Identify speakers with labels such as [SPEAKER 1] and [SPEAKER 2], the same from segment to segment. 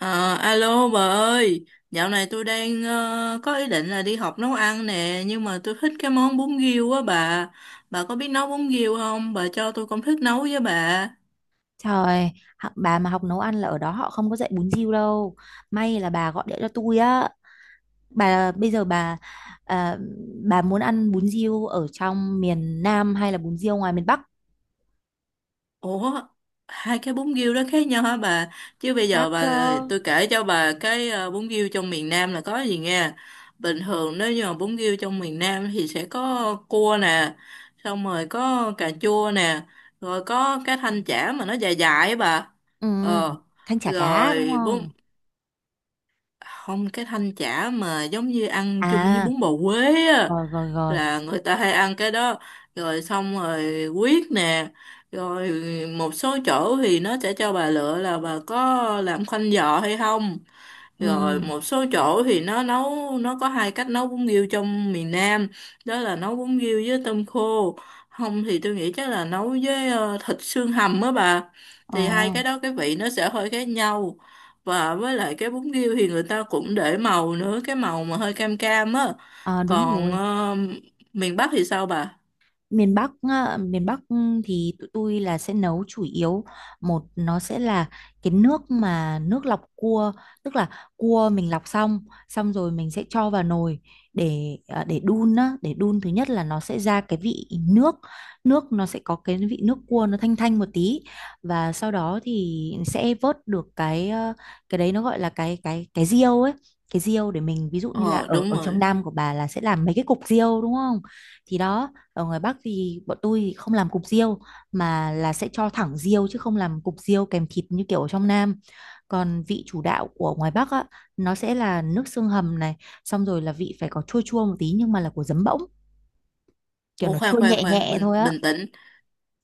[SPEAKER 1] Ờ, alo bà ơi, dạo này tôi đang có ý định là đi học nấu ăn nè, nhưng mà tôi thích cái món bún riêu á bà. Bà có biết nấu bún riêu không? Bà cho tôi công thức nấu với bà.
[SPEAKER 2] Trời, bà mà học nấu ăn là ở đó họ không có dạy bún riêu đâu. May là bà gọi điện cho tôi á. Bà bây giờ bà à, bà muốn ăn bún riêu ở trong miền Nam hay là bún riêu ngoài miền Bắc?
[SPEAKER 1] Ủa, hai cái bún riêu đó khác nhau hả bà? Chứ bây
[SPEAKER 2] Khác
[SPEAKER 1] giờ
[SPEAKER 2] chứ.
[SPEAKER 1] bà tôi kể cho bà cái bún riêu trong miền Nam là có gì nghe? Bình thường nếu như mà bún riêu trong miền Nam thì sẽ có cua nè, xong rồi có cà chua nè, rồi có cái thanh chả mà nó dài dài ấy bà.
[SPEAKER 2] Ừ,
[SPEAKER 1] Ờ,
[SPEAKER 2] thanh chả cá đúng
[SPEAKER 1] rồi bún
[SPEAKER 2] không?
[SPEAKER 1] không cái thanh chả mà giống như ăn chung với
[SPEAKER 2] À,
[SPEAKER 1] bún bò Huế á
[SPEAKER 2] rồi rồi rồi.
[SPEAKER 1] là người ta hay ăn cái đó rồi xong rồi quyết nè rồi một số chỗ thì nó sẽ cho bà lựa là bà có làm khoanh giò hay không rồi
[SPEAKER 2] Ừ.
[SPEAKER 1] một số chỗ thì nó nấu nó có hai cách nấu bún riêu trong miền Nam đó là nấu bún riêu với tôm khô không thì tôi nghĩ chắc là nấu với thịt xương hầm á bà
[SPEAKER 2] Ờ,
[SPEAKER 1] thì hai cái đó cái vị nó sẽ hơi khác nhau và với lại cái bún riêu thì người ta cũng để màu nữa cái màu mà hơi cam cam á
[SPEAKER 2] ờ, đúng
[SPEAKER 1] còn
[SPEAKER 2] rồi.
[SPEAKER 1] miền Bắc thì sao bà.
[SPEAKER 2] Miền Bắc á, thì tụi tôi là sẽ nấu chủ yếu. Nó sẽ là cái nước mà nước lọc cua, tức là cua mình lọc xong, xong rồi mình sẽ cho vào nồi để để đun á để đun. Thứ nhất là nó sẽ ra cái vị nước, nước nó sẽ có cái vị nước cua, nó thanh thanh một tí. Và sau đó thì sẽ vớt được cái đấy, nó gọi là cái riêu ấy. Cái riêu để mình, ví dụ như là
[SPEAKER 1] Ờ
[SPEAKER 2] ở
[SPEAKER 1] đúng
[SPEAKER 2] ở trong
[SPEAKER 1] rồi.
[SPEAKER 2] Nam của bà là sẽ làm mấy cái cục riêu đúng không, thì đó. Ở ngoài Bắc thì bọn tôi không làm cục riêu, mà là sẽ cho thẳng riêu chứ không làm cục riêu kèm thịt như kiểu ở trong Nam. Còn vị chủ đạo của ngoài Bắc á, nó sẽ là nước xương hầm này, xong rồi là vị phải có chua chua một tí, nhưng mà là của giấm bỗng, kiểu
[SPEAKER 1] Ủa
[SPEAKER 2] nó
[SPEAKER 1] khoan
[SPEAKER 2] chua
[SPEAKER 1] khoan
[SPEAKER 2] nhẹ
[SPEAKER 1] khoan
[SPEAKER 2] nhẹ
[SPEAKER 1] bình
[SPEAKER 2] thôi á.
[SPEAKER 1] bình tĩnh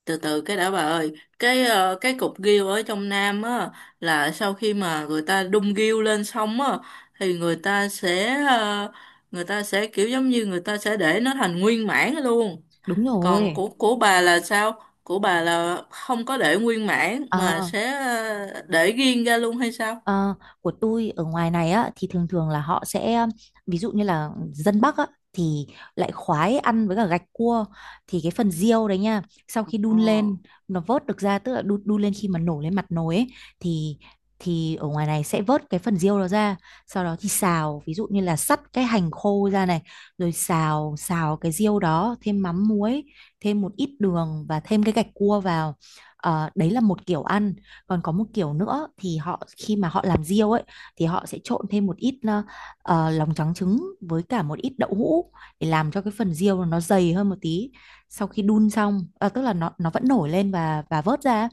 [SPEAKER 1] từ từ cái đã bà ơi cái cái cục ghiêu ở trong Nam á là sau khi mà người ta đung ghiêu lên xong á thì người ta sẽ người ta sẽ kiểu giống như người ta sẽ để nó thành nguyên mãn luôn
[SPEAKER 2] Đúng
[SPEAKER 1] còn
[SPEAKER 2] rồi.
[SPEAKER 1] của bà là sao của bà là không có để nguyên mãn mà
[SPEAKER 2] À,
[SPEAKER 1] sẽ để riêng ra luôn hay sao.
[SPEAKER 2] Ờ, của tôi ở ngoài này á thì thường thường là họ sẽ ví dụ như là dân Bắc á thì lại khoái ăn với cả gạch cua. Thì cái phần riêu đấy nha, sau khi đun
[SPEAKER 1] Ờ.
[SPEAKER 2] lên, nó vớt được ra, tức là đun lên khi mà nổ lên mặt nồi ấy, thì thì ở ngoài này sẽ vớt cái phần riêu đó ra. Sau đó thì xào, ví dụ như là sắt cái hành khô ra này, rồi xào xào cái riêu đó, thêm mắm muối, thêm một ít đường và thêm cái gạch cua vào. Đấy là một kiểu ăn. Còn có một kiểu nữa thì họ, khi mà họ làm riêu ấy, thì họ sẽ trộn thêm một ít lòng trắng trứng với cả một ít đậu hũ để làm cho cái phần riêu nó dày hơn một tí. Sau khi đun xong tức là nó vẫn nổi lên và vớt ra,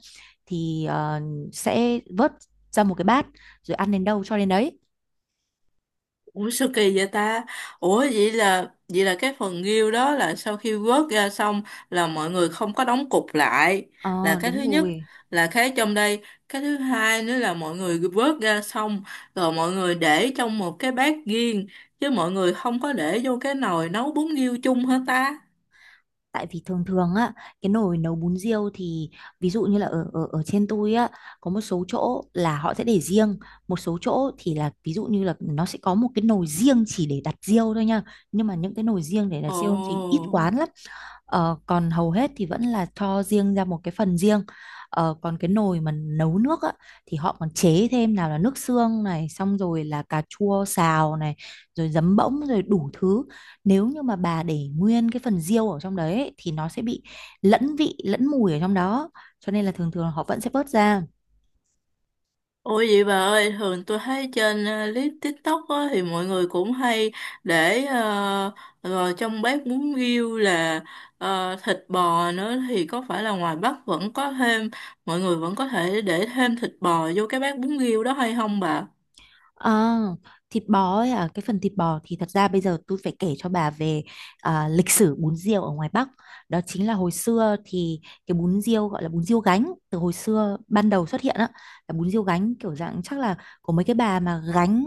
[SPEAKER 2] thì sẽ vớt ra một cái bát, rồi ăn đến đâu cho đến đấy.
[SPEAKER 1] Ủa sao kỳ vậy ta? Ủa vậy là cái phần nghêu đó là sau khi vớt ra xong là mọi người không có đóng cục lại là
[SPEAKER 2] Ờ
[SPEAKER 1] cái thứ
[SPEAKER 2] đúng
[SPEAKER 1] nhất
[SPEAKER 2] rồi.
[SPEAKER 1] là cái trong đây cái thứ hai nữa là mọi người vớt ra xong rồi mọi người để trong một cái bát riêng chứ mọi người không có để vô cái nồi nấu bún nghêu chung hả ta?
[SPEAKER 2] Tại vì thường thường á, cái nồi nấu bún riêu thì, ví dụ như là ở ở ở trên tôi á, có một số chỗ là họ sẽ để riêng, một số chỗ thì là ví dụ như là nó sẽ có một cái nồi riêng chỉ để đặt riêu thôi nha, nhưng mà những cái nồi riêng để đặt riêu thì ít
[SPEAKER 1] Ồ.
[SPEAKER 2] quán lắm. Còn hầu hết thì vẫn là cho riêng ra một cái phần riêng. Còn cái nồi mà nấu nước á, thì họ còn chế thêm nào là nước xương này, xong rồi là cà chua xào này, rồi giấm bỗng, rồi đủ thứ. Nếu như mà bà để nguyên cái phần riêu ở trong đấy ấy, thì nó sẽ bị lẫn vị, lẫn mùi ở trong đó. Cho nên là thường thường họ vẫn sẽ vớt ra.
[SPEAKER 1] Ủa vậy bà ơi, thường tôi thấy trên clip TikTok á, thì mọi người cũng hay để rồi trong bếp bún riêu là thịt bò nữa thì có phải là ngoài Bắc vẫn có thêm, mọi người vẫn có thể để thêm thịt bò vô cái bát bún riêu đó hay không bà?
[SPEAKER 2] Ờ, Thịt bò ấy à, cái phần thịt bò thì thật ra bây giờ tôi phải kể cho bà về lịch sử bún riêu ở ngoài Bắc. Đó chính là hồi xưa thì cái bún riêu gọi là bún riêu gánh. Từ hồi xưa ban đầu xuất hiện á, là bún riêu gánh, kiểu dạng chắc là của mấy cái bà mà gánh,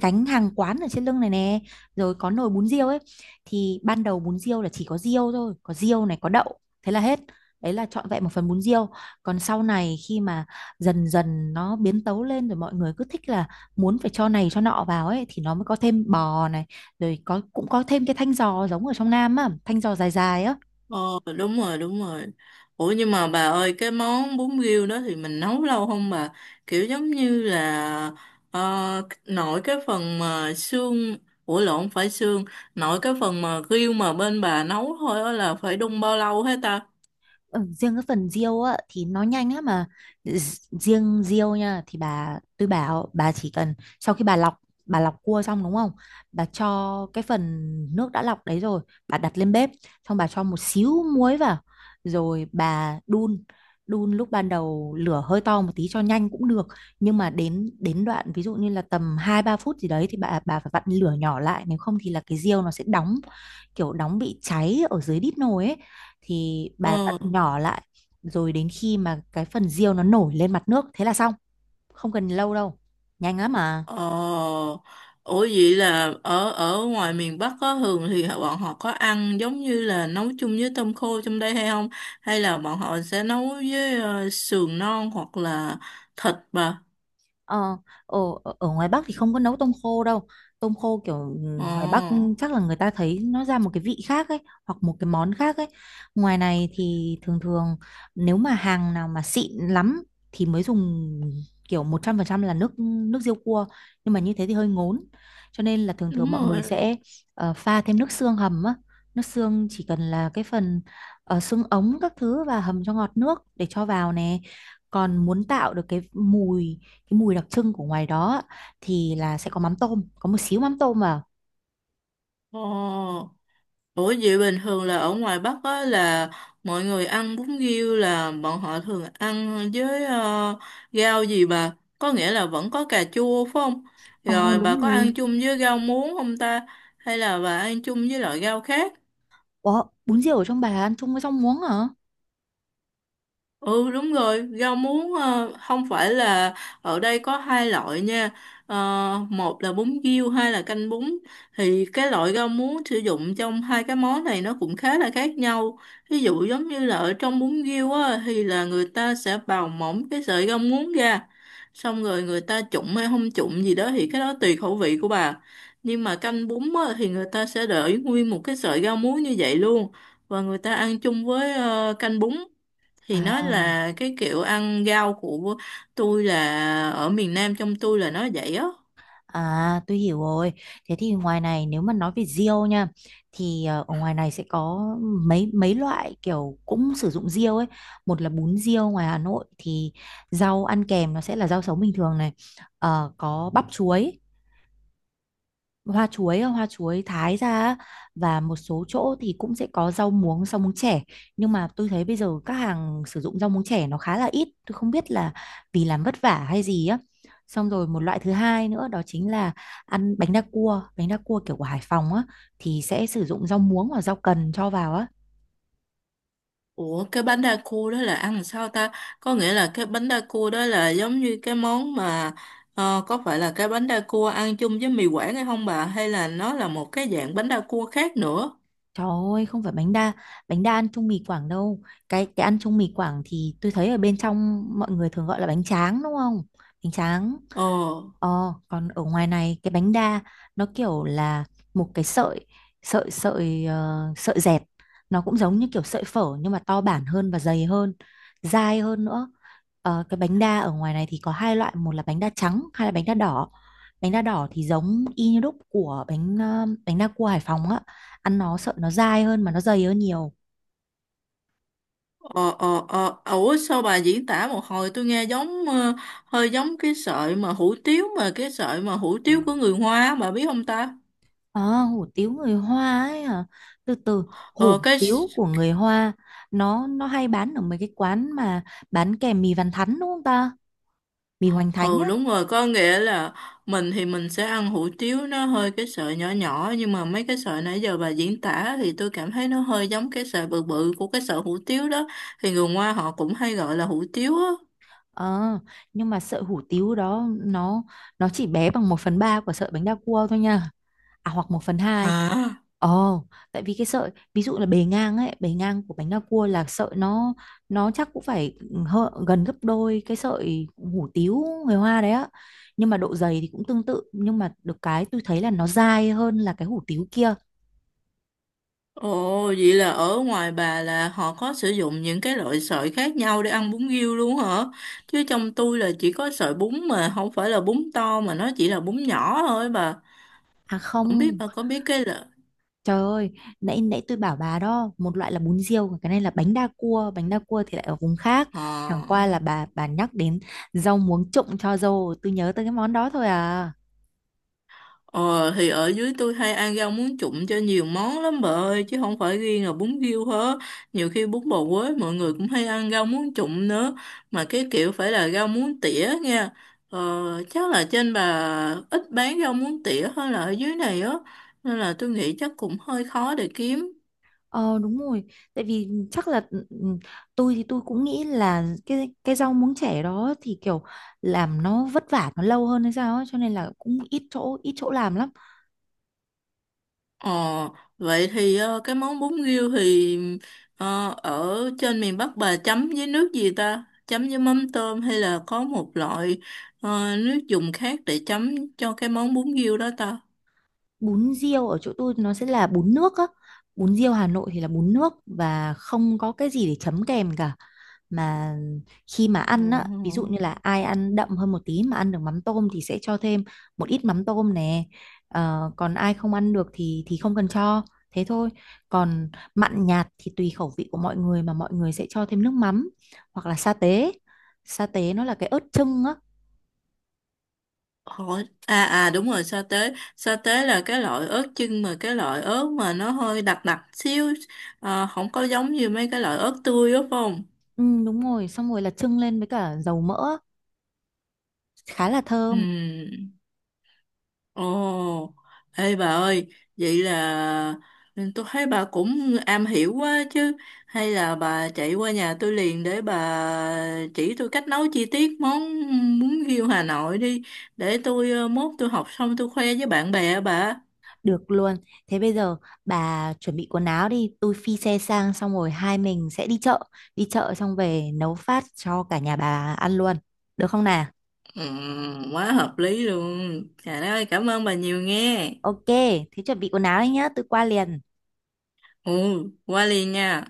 [SPEAKER 2] gánh hàng quán ở trên lưng này nè, rồi có nồi bún riêu ấy. Thì ban đầu bún riêu là chỉ có riêu thôi, có riêu này, có đậu, thế là hết. Đấy là trọn vẹn một phần bún riêu. Còn sau này khi mà dần dần nó biến tấu lên, rồi mọi người cứ thích là muốn phải cho này cho nọ vào ấy, thì nó mới có thêm bò này, rồi có, cũng có thêm cái thanh giò giống ở trong Nam á, thanh giò dài dài á.
[SPEAKER 1] Ờ đúng rồi đúng rồi. Ủa nhưng mà bà ơi cái món bún riêu đó thì mình nấu lâu không bà? Kiểu giống như là ờ, nội cái phần mà xương. Ủa lộn không phải xương. Nội cái phần mà riêu mà bên bà nấu thôi á là phải đun bao lâu hết ta?
[SPEAKER 2] Ừ, riêng cái phần riêu á thì nó nhanh á mà. Riêng riêu nha, thì bà tôi bảo bà chỉ cần, sau khi bà lọc cua xong đúng không, bà cho cái phần nước đã lọc đấy rồi, bà đặt lên bếp, xong bà cho một xíu muối vào, rồi bà đun. Đun lúc ban đầu lửa hơi to một tí cho nhanh cũng được, nhưng mà đến đến đoạn ví dụ như là tầm 2 3 phút gì đấy thì bà phải vặn lửa nhỏ lại, nếu không thì là cái riêu nó sẽ đóng, kiểu đóng bị cháy ở dưới đít nồi ấy, thì bà vặn
[SPEAKER 1] Ờ.
[SPEAKER 2] nhỏ lại, rồi đến khi mà cái phần riêu nó nổi lên mặt nước thế là xong. Không cần lâu đâu, nhanh lắm mà.
[SPEAKER 1] Ờ. Ủa vậy là ở ở ngoài miền Bắc có thường thì bọn họ có ăn giống như là nấu chung với tôm khô trong đây hay không? Hay là bọn họ sẽ nấu với sườn non hoặc là thịt bà.
[SPEAKER 2] Ờ, Ở ngoài Bắc thì không có nấu tôm khô đâu. Tôm khô kiểu ngoài Bắc
[SPEAKER 1] Ồ,
[SPEAKER 2] chắc là người ta thấy nó ra một cái vị khác ấy, hoặc một cái món khác ấy. Ngoài này thì thường thường nếu mà hàng nào mà xịn lắm thì mới dùng kiểu 100% là nước nước riêu cua. Nhưng mà như thế thì hơi ngốn. Cho nên là thường thường
[SPEAKER 1] đúng
[SPEAKER 2] mọi người
[SPEAKER 1] rồi.
[SPEAKER 2] sẽ pha thêm nước xương hầm á. Nước xương chỉ cần là cái phần xương ống các thứ và hầm cho ngọt nước để cho vào nè. Còn muốn tạo được cái mùi đặc trưng của ngoài đó á, thì là sẽ có mắm tôm, có một xíu mắm tôm vào.
[SPEAKER 1] Ồ, ủa vậy bình thường là ở ngoài Bắc á là mọi người ăn bún riêu là bọn họ thường ăn với rau gì bà? Có nghĩa là vẫn có cà chua phải không?
[SPEAKER 2] Ồ,
[SPEAKER 1] Rồi
[SPEAKER 2] đúng
[SPEAKER 1] bà có
[SPEAKER 2] mùi rồi.
[SPEAKER 1] ăn chung với rau muống không ta? Hay là bà ăn chung với loại rau khác?
[SPEAKER 2] Bún riêu ở trong bà ăn chung với rau muống hả?
[SPEAKER 1] Ừ đúng rồi, rau muống không phải là ở đây có hai loại nha. Ờ, một là bún riêu, hai là canh bún. Thì cái loại rau muống sử dụng trong hai cái món này nó cũng khá là khác nhau. Ví dụ giống như là ở trong bún riêu á, thì là người ta sẽ bào mỏng cái sợi rau muống ra. Xong rồi người ta trụng hay không trụng gì đó thì cái đó tùy khẩu vị của bà. Nhưng mà canh bún á, thì người ta sẽ để nguyên một cái sợi rau muống như vậy luôn. Và người ta ăn chung với canh bún
[SPEAKER 2] Ừ.
[SPEAKER 1] thì nó
[SPEAKER 2] À,
[SPEAKER 1] là cái kiểu ăn rau của tôi là ở miền Nam trong tôi là nó vậy á.
[SPEAKER 2] à, tôi hiểu rồi. Thế thì ngoài này nếu mà nói về riêu nha, thì ở ngoài này sẽ có mấy mấy loại kiểu cũng sử dụng riêu ấy. Một là bún riêu ngoài Hà Nội thì rau ăn kèm nó sẽ là rau sống bình thường này. Có bắp chuối, hoa chuối thái ra á, và một số chỗ thì cũng sẽ có rau muống chẻ, nhưng mà tôi thấy bây giờ các hàng sử dụng rau muống chẻ nó khá là ít, tôi không biết là vì làm vất vả hay gì á. Xong rồi một loại thứ hai nữa đó chính là ăn bánh đa cua kiểu của Hải Phòng á, thì sẽ sử dụng rau muống hoặc rau cần cho vào á.
[SPEAKER 1] Ủa cái bánh đa cua đó là ăn làm sao ta? Có nghĩa là cái bánh đa cua đó là giống như cái món mà có phải là cái bánh đa cua ăn chung với mì Quảng hay không bà hay là nó là một cái dạng bánh đa cua khác nữa?
[SPEAKER 2] Trời ơi, không phải bánh đa ăn chung mì Quảng đâu. Cái ăn chung mì Quảng thì tôi thấy ở bên trong mọi người thường gọi là bánh tráng đúng không? Bánh tráng.
[SPEAKER 1] ờ
[SPEAKER 2] Còn ở ngoài này cái bánh đa nó kiểu là một cái sợi sợi sợi ờ, sợi dẹt, nó cũng giống như kiểu sợi phở nhưng mà to bản hơn và dày hơn, dai hơn nữa. Cái bánh đa ở ngoài này thì có hai loại, một là bánh đa trắng, hai là bánh đa đỏ. Bánh đa đỏ thì giống y như đúc của bánh đa cua Hải Phòng á, ăn nó sợ nó dai hơn mà nó dày hơn nhiều.
[SPEAKER 1] ờ ủa sao bà diễn tả một hồi tôi nghe giống hơi giống cái sợi mà hủ tiếu mà cái sợi mà hủ tiếu của người Hoa á, bà biết không ta?
[SPEAKER 2] À, hủ tiếu người Hoa ấy hả? Từ từ,
[SPEAKER 1] Ờ
[SPEAKER 2] hủ
[SPEAKER 1] cái.
[SPEAKER 2] tiếu của người Hoa, nó hay bán ở mấy cái quán mà bán kèm mì Văn Thắn đúng không ta? Mì Hoành Thánh
[SPEAKER 1] Ừ
[SPEAKER 2] á.
[SPEAKER 1] đúng rồi, có nghĩa là mình thì mình sẽ ăn hủ tiếu nó hơi cái sợi nhỏ nhỏ nhưng mà mấy cái sợi nãy giờ bà diễn tả thì tôi cảm thấy nó hơi giống cái sợi bự bự của cái sợi hủ tiếu đó. Thì người Hoa họ cũng hay gọi là hủ tiếu á.
[SPEAKER 2] Ờ, nhưng mà sợi hủ tiếu đó, nó chỉ bé bằng 1/3 của sợi bánh đa cua thôi nha. À, hoặc 1/2.
[SPEAKER 1] Hả?
[SPEAKER 2] Ồ, tại vì cái sợi ví dụ là bề ngang ấy, bề ngang của bánh đa cua là sợi nó chắc cũng phải gần gấp đôi cái sợi hủ tiếu người Hoa đấy á. Nhưng mà độ dày thì cũng tương tự, nhưng mà được cái tôi thấy là nó dai hơn là cái hủ tiếu kia.
[SPEAKER 1] Ồ, vậy là ở ngoài bà là họ có sử dụng những cái loại sợi khác nhau để ăn bún riêu luôn hả? Chứ trong tôi là chỉ có sợi bún mà không phải là bún to mà nó chỉ là bún nhỏ thôi bà.
[SPEAKER 2] À
[SPEAKER 1] Không biết
[SPEAKER 2] không,
[SPEAKER 1] bà có biết cái là...
[SPEAKER 2] trời ơi, nãy nãy tôi bảo bà đó, một loại là bún riêu, còn cái này là bánh đa cua thì lại ở vùng khác.
[SPEAKER 1] Ờ.
[SPEAKER 2] Chẳng qua là bà nhắc đến rau muống trụng cho dâu, tôi nhớ tới cái món đó thôi à.
[SPEAKER 1] Ờ thì ở dưới tôi hay ăn rau muống trụng cho nhiều món lắm bà ơi chứ không phải riêng là bún riêu hết nhiều khi bún bò Huế mọi người cũng hay ăn rau muống trụng nữa mà cái kiểu phải là rau muống tỉa nha. ờ, Chắc là trên bà ít bán rau muống tỉa hơn là ở dưới này á nên là tôi nghĩ chắc cũng hơi khó để kiếm.
[SPEAKER 2] Ờ đúng rồi, tại vì chắc là tôi thì tôi cũng nghĩ là cái rau muống trẻ đó thì kiểu làm nó vất vả nó lâu hơn hay sao ấy, cho nên là cũng ít chỗ làm lắm.
[SPEAKER 1] Ờ, vậy thì cái món bún riêu thì ở trên miền Bắc bà chấm với nước gì ta? Chấm với mắm tôm hay là có một loại nước dùng khác để chấm cho cái món bún riêu đó ta?
[SPEAKER 2] Bún riêu ở chỗ tôi nó sẽ là bún nước á. Bún riêu Hà Nội thì là bún nước và không có cái gì để chấm kèm cả, mà khi mà ăn á, ví dụ
[SPEAKER 1] Ừ.
[SPEAKER 2] như là ai ăn đậm hơn một tí mà ăn được mắm tôm thì sẽ cho thêm một ít mắm tôm nè. Còn ai không ăn được thì không cần cho, thế thôi. Còn mặn nhạt thì tùy khẩu vị của mọi người mà mọi người sẽ cho thêm nước mắm hoặc là sa tế. Sa tế nó là cái ớt chưng á.
[SPEAKER 1] Hỏi à à đúng rồi sa tế là cái loại ớt chưng mà cái loại ớt mà nó hơi đặc đặc xíu không có giống như mấy cái loại ớt tươi đó phải không?
[SPEAKER 2] Ừ, đúng rồi, xong rồi là chưng lên với cả dầu mỡ á. Khá là
[SPEAKER 1] Ừ.
[SPEAKER 2] thơm.
[SPEAKER 1] Ồ, ê bà ơi, vậy là tôi thấy bà cũng am hiểu quá chứ. Hay là bà chạy qua nhà tôi liền để bà chỉ tôi cách nấu chi tiết món bún riêu Hà Nội đi. Để tôi mốt tôi học xong tôi khoe với bạn bè á bà.
[SPEAKER 2] Được luôn. Thế bây giờ bà chuẩn bị quần áo đi, tôi phi xe sang xong rồi hai mình sẽ đi chợ xong về nấu phát cho cả nhà bà ăn luôn. Được không nào?
[SPEAKER 1] Ừ, quá hợp lý luôn. Trời đất ơi, cảm ơn bà nhiều nghe.
[SPEAKER 2] Ok, thế chuẩn bị quần áo đi nhá, tôi qua liền.
[SPEAKER 1] Ừ, qua liền nha.